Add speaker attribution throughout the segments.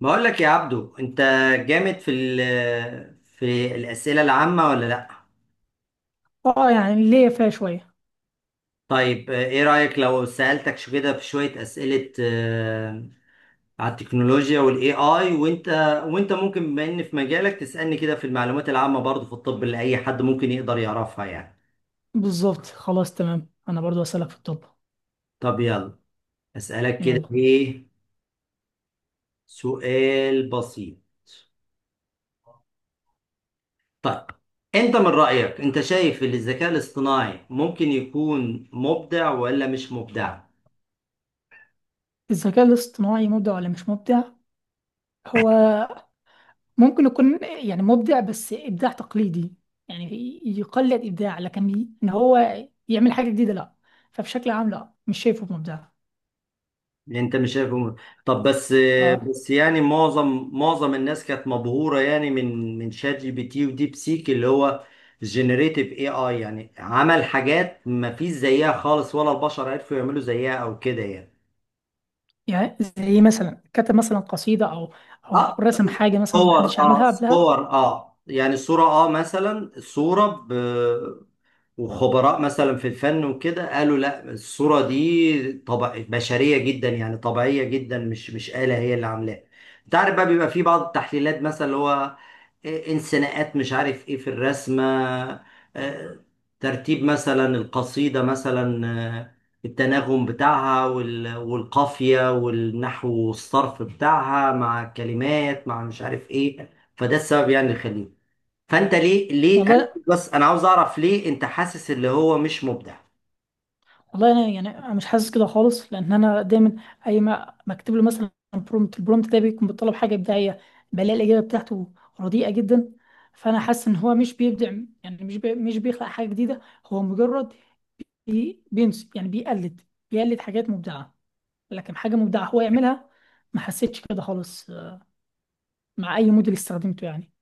Speaker 1: بقول لك يا عبدو انت جامد في الأسئلة العامة ولا لا.
Speaker 2: اه، يعني ليا فيها شوية.
Speaker 1: طيب ايه رأيك لو سألتك شو كده في شوية أسئلة على التكنولوجيا والاي اي وانت ممكن بما ان في مجالك تسألني كده في المعلومات العامة برضه في الطب اللي اي حد ممكن يقدر يعرفها يعني.
Speaker 2: بالظبط، خلاص تمام. انا برضو اسألك في الطب.
Speaker 1: طب يلا أسألك كده
Speaker 2: يلا.
Speaker 1: ايه سؤال بسيط. طيب، انت من رأيك انت شايف ان الذكاء الاصطناعي ممكن يكون مبدع ولا مش مبدع؟
Speaker 2: الذكاء الاصطناعي مبدع ولا مش مبدع؟ هو ممكن يكون يعني مبدع، بس ابداع تقليدي. يعني يقلد ابداع، لكن ان هو يعمل حاجة جديدة، لا. فبشكل عام، لا، مش شايفه مبدع.
Speaker 1: انت مش شايفه م- طب بس
Speaker 2: اه،
Speaker 1: بس يعني معظم الناس كانت مبهوره يعني من شات جي بي تي وديب سيك اللي هو جينيريتيف اي اي، يعني عمل حاجات ما فيش زيها خالص، ولا البشر عرفوا يعملوا زيها او كده يعني.
Speaker 2: يعني زي مثلا كتب مثلا قصيدة او
Speaker 1: اه
Speaker 2: رسم حاجة مثلا
Speaker 1: صور
Speaker 2: محدش
Speaker 1: اه
Speaker 2: عملها قبلها؟
Speaker 1: صور اه يعني صوره، مثلا صوره، وخبراء مثلا في الفن وكده قالوا لا الصورة دي طبع بشرية جدا يعني طبيعية جدا، مش آلة هي اللي عاملاها. انت عارف بقى بيبقى في بعض التحليلات مثلا اللي هو انسناءات مش عارف ايه في الرسمة، آه، ترتيب مثلا القصيدة مثلا، آه، التناغم بتاعها والقافية والنحو والصرف بتاعها مع كلمات مع مش عارف ايه. فده السبب يعني اللي خليني. فانت ليه ليه أنا
Speaker 2: والله،
Speaker 1: بس انا عاوز اعرف ليه انت حاسس اللي هو مش مبدع.
Speaker 2: والله انا يعني أنا مش حاسس كده خالص، لان انا دايما اي ما بكتب له مثلا برومت، البرومت ده بيكون بيطلب حاجه ابداعيه، بلاقي الاجابه بتاعته رديئه جدا. فانا حاسس ان هو مش بيبدع، يعني مش بيخلق حاجه جديده. هو مجرد بينس، يعني بيقلد، بيقلد حاجات مبدعه، لكن حاجه مبدعه هو يعملها ما حسيتش كده خالص مع اي موديل استخدمته يعني.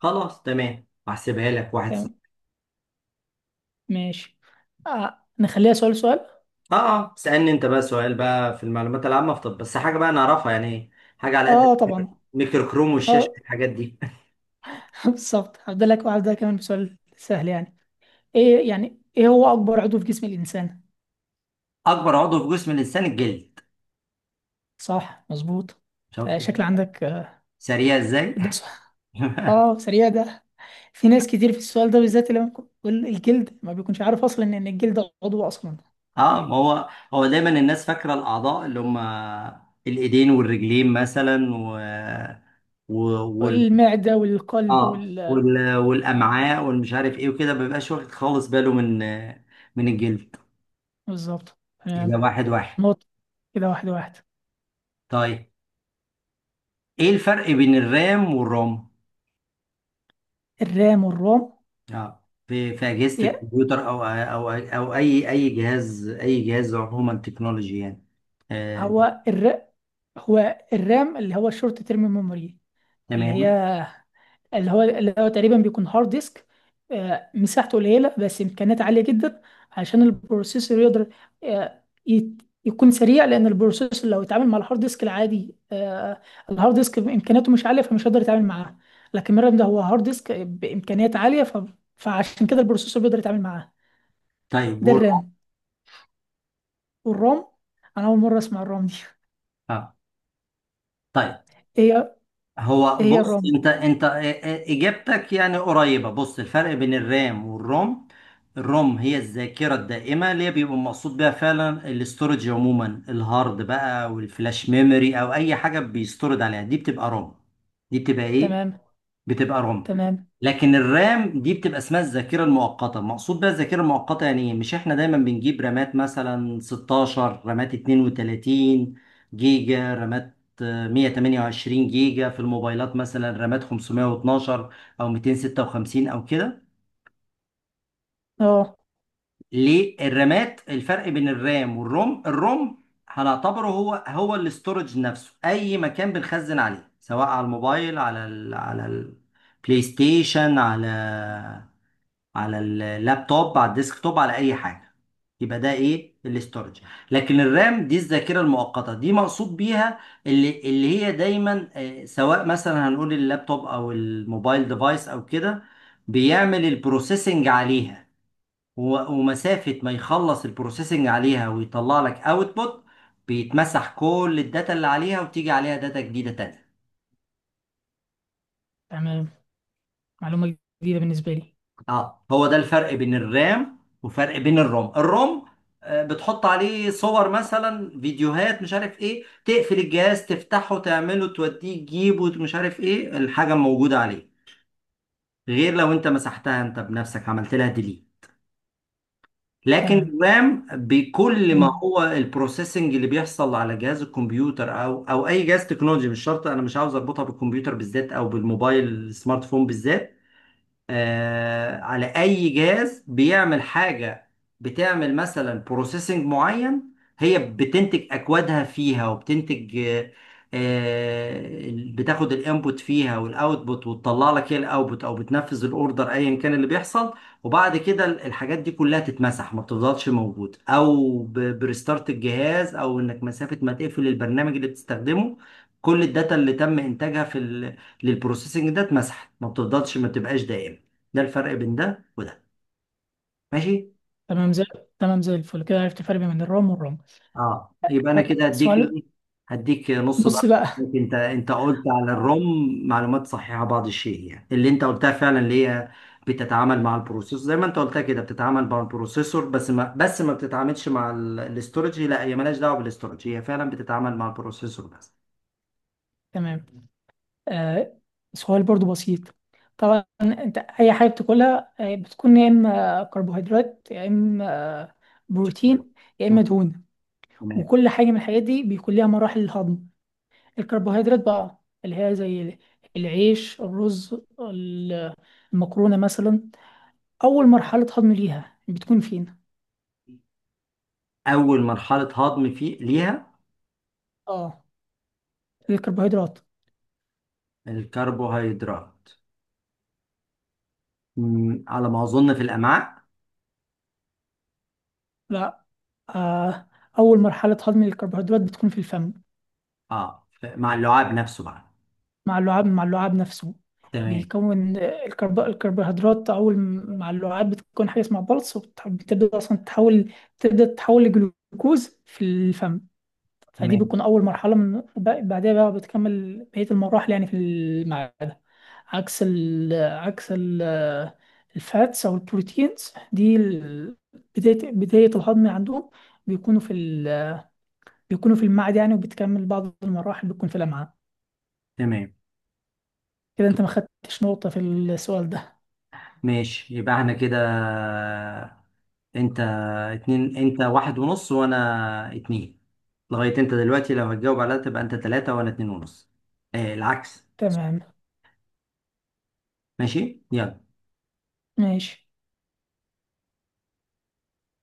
Speaker 1: خلاص تمام، هحسبها لك واحد
Speaker 2: فاهم.
Speaker 1: صفر.
Speaker 2: ماشي. نخليها سؤال سؤال.
Speaker 1: اه اسالني انت بقى سؤال بقى في المعلومات العامه في طب، بس حاجه بقى نعرفها يعني، حاجه على قد
Speaker 2: اه طبعا.
Speaker 1: ميكرو كروم والشاشه
Speaker 2: اه.
Speaker 1: الحاجات دي.
Speaker 2: بالظبط، هبدأ لك، وهبدأ كمان بسؤال سهل يعني. ايه هو اكبر عضو في جسم الانسان؟
Speaker 1: اكبر عضو في جسم الانسان الجلد.
Speaker 2: صح، مظبوط.
Speaker 1: شفت
Speaker 2: شكل عندك
Speaker 1: سريع ازاي؟
Speaker 2: ده سؤال. اه، سريع ده. في ناس كتير في السؤال ده بالذات اللي بيقول الجلد ما بيكونش عارف اصلا ان الجلد عضو اصلا.
Speaker 1: اه، ما هو دايما الناس فاكره الاعضاء اللي هم الايدين والرجلين مثلا و... و...
Speaker 2: المعده والقلب
Speaker 1: اه
Speaker 2: وال
Speaker 1: وال...
Speaker 2: آه،
Speaker 1: والامعاء والمش عارف ايه وكده، ما بيبقاش واخد خالص باله من الجلد.
Speaker 2: بالظبط.
Speaker 1: كده
Speaker 2: تمام.
Speaker 1: واحد واحد.
Speaker 2: نقطة. كده واحد واحد.
Speaker 1: طيب، ايه الفرق بين الرام والروم؟
Speaker 2: الرام والروم؟
Speaker 1: اه في اجهزه
Speaker 2: يا-
Speaker 1: الكمبيوتر او اي جهاز، اي جهاز عموما تكنولوجي يعني. آه.
Speaker 2: هو الر... هو الرام اللي هو الشورت تيرم ميموري، اللي
Speaker 1: تمام.
Speaker 2: هي اللي هو تقريبا بيكون هارد ديسك، مساحته قليلة بس إمكانيات عالية جدا، عشان البروسيسور يقدر يكون سريع. لأن البروسيسور لو اتعامل مع الهارد ديسك العادي الهارد ديسك إمكانياته مش عالية، فمش هيقدر يتعامل معاه. لكن مرة ده هو هارد ديسك بإمكانيات عالية، فعشان كده البروسيسور بيقدر يتعامل معاه.
Speaker 1: طيب
Speaker 2: ده
Speaker 1: والروم؟
Speaker 2: الرام. والرام، أنا أول مرة أسمع الرام دي.
Speaker 1: اه طيب،
Speaker 2: إيه هي
Speaker 1: هو
Speaker 2: إيه هي
Speaker 1: بص
Speaker 2: الرام؟
Speaker 1: انت اجابتك يعني قريبه. بص، الفرق بين الرام والروم: الروم هي الذاكره الدائمه اللي هي بيبقى مقصود بيها فعلا الاستورج، عموما الهارد بقى والفلاش ميموري او اي حاجه بيستورد عليها، دي بتبقى روم. دي بتبقى ايه؟
Speaker 2: تمام.
Speaker 1: بتبقى روم.
Speaker 2: تمام.
Speaker 1: لكن الرام دي بتبقى اسمها الذاكره المؤقته. مقصود بيها الذاكره المؤقته يعني ايه؟ مش احنا دايما بنجيب رامات مثلا 16 رامات 32 جيجا رامات، 128 جيجا في الموبايلات مثلا رامات 512 او 256 او كده.
Speaker 2: أه.
Speaker 1: ليه الرامات الفرق بين الرام والروم؟ الروم هنعتبره هو الاستورج نفسه، اي مكان بنخزن عليه سواء على الموبايل، على ال على البلاي ستيشن، على على اللابتوب، على الديسكتوب، على اي حاجه، يبقى ده ايه؟ الاستورج. لكن الرام دي الذاكره المؤقته، دي مقصود بيها اللي هي دايما، سواء مثلا هنقول اللابتوب او الموبايل ديفايس او كده، بيعمل البروسيسنج عليها. و- ومسافه ما يخلص البروسيسنج عليها ويطلع لك اوتبوت، بيتمسح كل الداتا اللي عليها وتيجي عليها داتا جديده تانية.
Speaker 2: تمام. معلومة جديدة بالنسبة لي.
Speaker 1: اه هو ده الفرق بين الرام وفرق بين الروم. الروم بتحط عليه صور مثلا، فيديوهات مش عارف ايه، تقفل الجهاز تفتحه تعمله توديه تجيبه مش عارف ايه، الحاجة موجودة عليه، غير لو انت مسحتها انت بنفسك عملت لها ديليت. لكن
Speaker 2: تمام.
Speaker 1: الرام بكل ما هو البروسيسنج اللي بيحصل على جهاز الكمبيوتر او اي جهاز تكنولوجي، مش شرط، انا مش عاوز اربطها بالكمبيوتر بالذات او بالموبايل السمارت فون بالذات، على اي جهاز بيعمل حاجه بتعمل مثلا بروسيسنج معين، هي بتنتج اكوادها فيها وبتنتج، بتاخد الانبوت فيها والاوتبوت وتطلع لك هي الاوتبوت او بتنفذ الاوردر ايا كان اللي بيحصل. وبعد كده الحاجات دي كلها تتمسح، ما بتفضلش موجوده، او بريستارت الجهاز او انك مسافه ما تقفل البرنامج اللي بتستخدمه، كل الداتا اللي تم انتاجها في للبروسيسنج ده اتمسحت، ما بتفضلش، ما بتبقاش دائمه. ده الفرق بين ده وده. ماشي.
Speaker 2: تمام زي تمام زي الفل كده عرفت الفرق بين الرام والرام.
Speaker 1: اه يبقى انا
Speaker 2: آه،
Speaker 1: كده هديك
Speaker 2: سؤال.
Speaker 1: ايه، هديك نص
Speaker 2: نص
Speaker 1: درجه
Speaker 2: بقى.
Speaker 1: عليك. انت قلت على
Speaker 2: آه.
Speaker 1: الروم معلومات صحيحه بعض الشيء يعني، اللي انت قلتها فعلا اللي هي بتتعامل مع البروسيسور، زي ما انت قلتها كده بتتعامل مع البروسيسور بس، ما بتتعاملش مع الاستورج، لا هي مالهاش دعوه بالاستورج، هي فعلا بتتعامل مع البروسيسور بس.
Speaker 2: تمام. آه، سؤال برضو بسيط. طبعا، انت اي حاجه بتاكلها بتكون يا اما كربوهيدرات، يا اما آه، بروتين، يا
Speaker 1: مم.
Speaker 2: اما دهون.
Speaker 1: تمام.
Speaker 2: وكل حاجه من الحاجات دي بيكون ليها مراحل الهضم. الكربوهيدرات بقى، اللي هي زي العيش، الرز، ال- المكرونه مثلا، اول مرحله هضم ليها بتكون فين؟
Speaker 1: اول مرحله هضم فيه ليها
Speaker 2: اه، الكربوهيدرات.
Speaker 1: الكربوهيدرات، على ما اظن في الامعاء.
Speaker 2: لا، آه، أول مرحلة هضم الكربوهيدرات بتكون في الفم.
Speaker 1: اه مع اللعاب نفسه بقى.
Speaker 2: مع اللعاب نفسه.
Speaker 1: تمام.
Speaker 2: بيكون الكربوهيدرات أول مع اللعاب بتكون حاجة اسمها بلس، وبتبدأ أصلا تتحول، تبدأ تتحول لجلوكوز في الفم. فدي
Speaker 1: تمام.
Speaker 2: بتكون أول مرحلة. بعدها بقى بتكمل بقية المراحل يعني في المعدة. عكس ال... عكس ال... آه، الفاتس أو البروتينز، دي بداية، الهضم عندهم بيكونوا في بيكونوا في المعاد يعني، وبتكمل بعض المراحل بتكون في الأمعاء.
Speaker 1: تمام.
Speaker 2: كده أنت ما خدتش نقطة في السؤال ده.
Speaker 1: ماشي يبقى احنا كده، انت اتنين، انت واحد ونص وانا اتنين. لغاية انت دلوقتي لو هتجاوب على ده تبقى انت تلاتة وانا اتنين ونص. اه العكس.
Speaker 2: تمام.
Speaker 1: ماشي يلا.
Speaker 2: ماشي.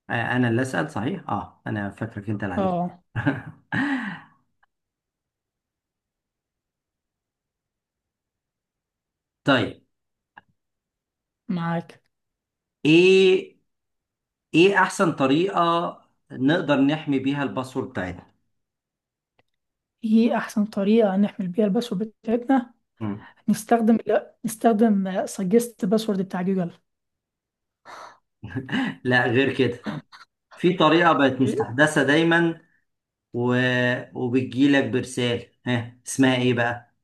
Speaker 1: اه انا اللي اسأل صحيح، اه انا فاكرك انت اللي عليك.
Speaker 2: أه،
Speaker 1: طيب،
Speaker 2: معاك.
Speaker 1: ايه ايه احسن طريقة نقدر نحمي بيها الباسورد بتاعتنا؟
Speaker 2: إيه أحسن طريقة نحمل بيها الباسورد بتاعتنا؟
Speaker 1: مم.
Speaker 2: نستخدم، لا، نستخدم سجست باسورد بتاع جوجل.
Speaker 1: لا غير كده، في طريقة بقت مستحدثة دايما و... وبتجيلك برسالة، ها اسمها ايه بقى؟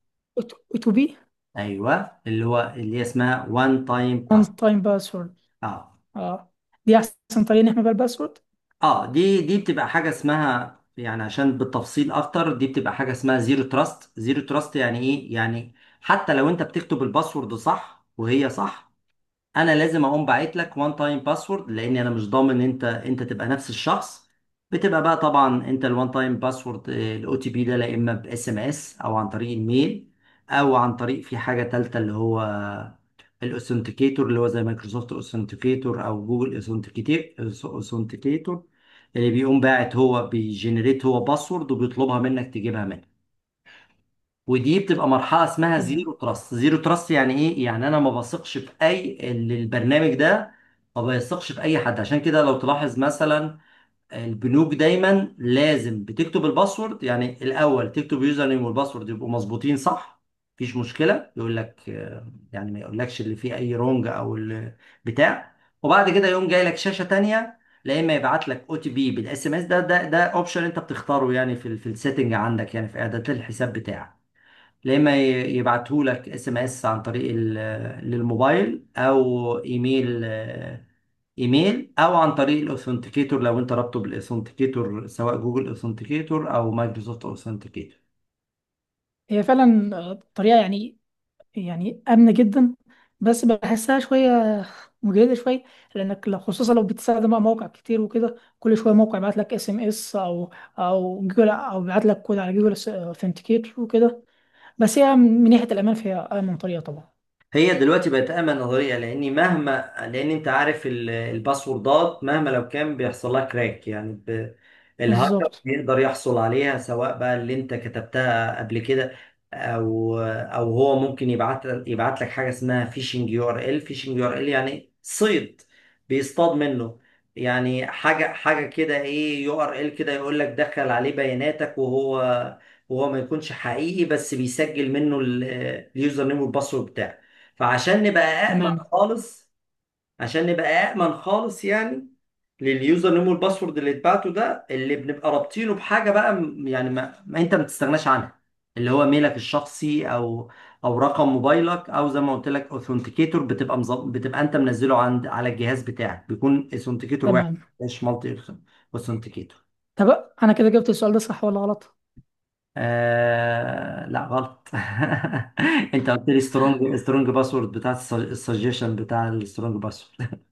Speaker 2: تو بي،
Speaker 1: ايوه، اللي هي اسمها وان تايم باس.
Speaker 2: وان تايم باسورد.
Speaker 1: اه
Speaker 2: أه، دي أحسن طريقة نحمل بيها الباسورد.
Speaker 1: اه دي بتبقى حاجة اسمها يعني، عشان بالتفصيل اكتر، دي بتبقى حاجة اسمها زيرو تراست. زيرو تراست يعني ايه؟ يعني حتى لو انت بتكتب الباسورد صح وهي صح، انا لازم اقوم باعت لك وان تايم باسورد، لان انا مش ضامن انت تبقى نفس الشخص. بتبقى بقى طبعا انت الوان تايم باسورد الاو تي بي ده، لا اما باس ام اس او عن طريق الميل او عن طريق، في حاجه تالته اللي هو الاوثنتيكيتور اللي هو زي مايكروسوفت اوثنتيكيتور او جوجل اوثنتيكيتور، اللي بيقوم باعت هو، بيجنريت هو باسورد وبيطلبها منك تجيبها منه. ودي بتبقى مرحله اسمها
Speaker 2: تمام.
Speaker 1: زيرو تراست. زيرو تراست يعني ايه؟ يعني انا ما بثقش في اي البرنامج ده، ما بيثقش في اي حد. عشان كده لو تلاحظ مثلا البنوك دايما لازم بتكتب الباسورد، يعني الاول تكتب يوزر نيم والباسورد يبقوا مظبوطين صح، مفيش مشكله، يقول لك يعني ما يقولكش اللي فيه اي رونج او بتاع، وبعد كده يقوم جاي لك شاشه تانية، لا اما يبعت لك او تي بي بالاس ام اس، ده اوبشن انت بتختاره يعني في في السيتنج عندك يعني في اعدادات الحساب بتاعك، يا اما يبعتهولك اس ام اس عن طريق للموبايل او ايميل، ايميل او عن طريق الاوثنتيكيتور لو انت رابطه بالاوثنتيكيتور سواء جوجل اوثنتيكيتور او مايكروسوفت اوثنتيكيتور.
Speaker 2: هي فعلا طريقة يعني آمنة جدا، بس بحسها شوية مجهدة شوية. لأنك لو، خصوصا لو بتستخدم بقى موقع كتير وكده، كل شوية موقع يبعت لك اس ام اس أو جوجل، أو يبعت لك كود على جوجل اوثنتيكيت وكده. بس هي من ناحية الأمان فهي أأمن طريقة طبعا.
Speaker 1: هي دلوقتي بقت امن نظريه، لاني مهما، لان انت عارف الباسوردات مهما لو كان بيحصل لها كراك يعني ب... الهاكر
Speaker 2: بالظبط.
Speaker 1: بيقدر يحصل عليها، سواء بقى اللي انت كتبتها قبل كده او هو ممكن يبعت لك حاجه اسمها فيشنج يو ار ال. فيشنج يو ار ال يعني صيد، بيصطاد منه يعني، حاجه كده، ايه يو ار ال كده يقول لك دخل عليه بياناتك، وهو ما يكونش حقيقي بس بيسجل منه اليوزر نيم والباسورد بتاعك. فعشان نبقى أأمن
Speaker 2: تمام.
Speaker 1: خالص، عشان نبقى أأمن خالص يعني لليوزر نيم والباسورد، اللي اتبعته ده اللي بنبقى رابطينه بحاجة بقى يعني ما انت ما تستغناش عنها، اللي هو ميلك الشخصي او رقم موبايلك، او زي ما قلت لك اوثنتيكيتور بتبقى مظب... بتبقى انت منزله عند على الجهاز بتاعك بيكون اوثنتيكيتور واحد،
Speaker 2: تمام.
Speaker 1: مش مالتي اوثنتيكيتور.
Speaker 2: طب أنا كده جبت السؤال ده صح ولا غلط؟
Speaker 1: آه... لا غلط. انت قلت لي سترونج باسورد بتاع السجيشن بتاع السترونج باسورد.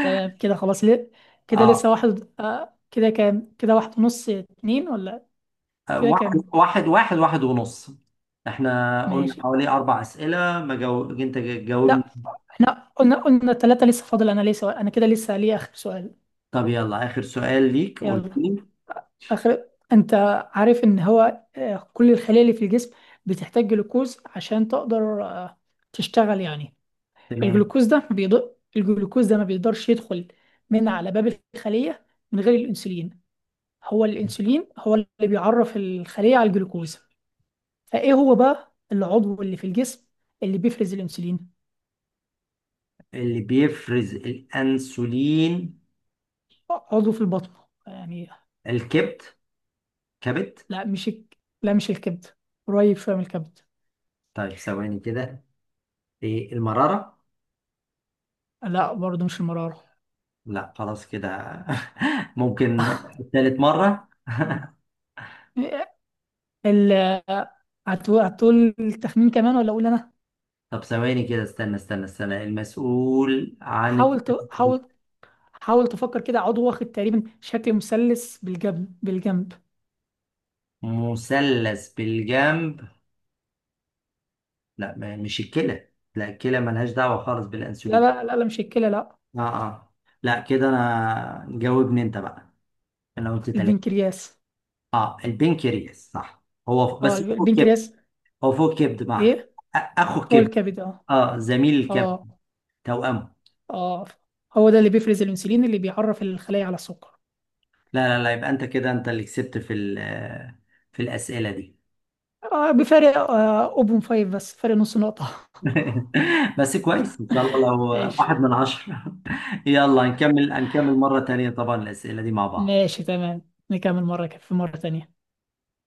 Speaker 2: تمام، كده خلاص ليه. كده لسه
Speaker 1: اه
Speaker 2: واحد. كده كام؟ كده واحد ونص اتنين ولا؟ كده
Speaker 1: واحد
Speaker 2: كام؟
Speaker 1: واحد، واحد ونص. احنا قلنا
Speaker 2: ماشي.
Speaker 1: حوالي أربع أسئلة. ما جو... أنت جاوبني.
Speaker 2: لا، احنا قلنا ثلاثة، لسه فاضل انا ليه سؤال. انا كده لسه ليه اخر سؤال.
Speaker 1: طب يلا آخر سؤال ليك، قول
Speaker 2: يلا.
Speaker 1: لي.
Speaker 2: انت عارف ان هو كل الخلايا اللي في الجسم بتحتاج جلوكوز عشان تقدر تشتغل يعني.
Speaker 1: تمام.
Speaker 2: الجلوكوز ده ما بيقدرش يدخل من على باب الخلية من غير الانسولين. هو الانسولين هو اللي بيعرف الخلية على الجلوكوز. فايه هو بقى العضو اللي في الجسم اللي بيفرز الانسولين؟
Speaker 1: اللي بيفرز الأنسولين
Speaker 2: عضو في البطن يعني.
Speaker 1: الكبد، كبد.
Speaker 2: لا، مش الكبد. قريب شوية من الكبد.
Speaker 1: طيب ثواني كده، ايه المرارة؟
Speaker 2: لا، برضه مش المرارة.
Speaker 1: لا خلاص كده. ممكن ثالث مرة؟
Speaker 2: ال هتقول التخمين كمان ولا اقول انا؟
Speaker 1: طب ثواني كده، استنى المسؤول عن
Speaker 2: حاول ت... حاول حاول تفكر كده. عضو واخد تقريبا شكل مثلث بالجنب، بالجنب.
Speaker 1: مثلث بالجنب. لا مش الكلى؟ لا الكلى ملهاش دعوة خالص
Speaker 2: لا
Speaker 1: بالأنسولين.
Speaker 2: لا لا, لا مش الكلى، لا.
Speaker 1: اه اه لا كده انا جاوبني انت بقى، انا قلت ثلاثة.
Speaker 2: البنكرياس.
Speaker 1: اه البنكرياس صح، هو
Speaker 2: اه،
Speaker 1: بس هو فوق الكبد.
Speaker 2: البنكرياس.
Speaker 1: هو فوق الكبد مع
Speaker 2: ايه.
Speaker 1: اخو
Speaker 2: هو
Speaker 1: الكبد.
Speaker 2: الكبد، اه.
Speaker 1: اه زميل الكبد،
Speaker 2: اه
Speaker 1: توأمه.
Speaker 2: اه هو ده اللي بيفرز الانسولين اللي بيعرف الخلايا على السكر.
Speaker 1: لا يبقى انت كده انت اللي كسبت في في الأسئلة دي.
Speaker 2: بفارق 0.5 بس، فارق نص نقطة.
Speaker 1: بس كويس ان شاء الله لو
Speaker 2: ايش.
Speaker 1: واحد من عشرة. يلا نكمل، نكمل مرة تانية طبعا الأسئلة دي مع بعض.
Speaker 2: ماشي، تمام، نكمل مرة في مرة تانية.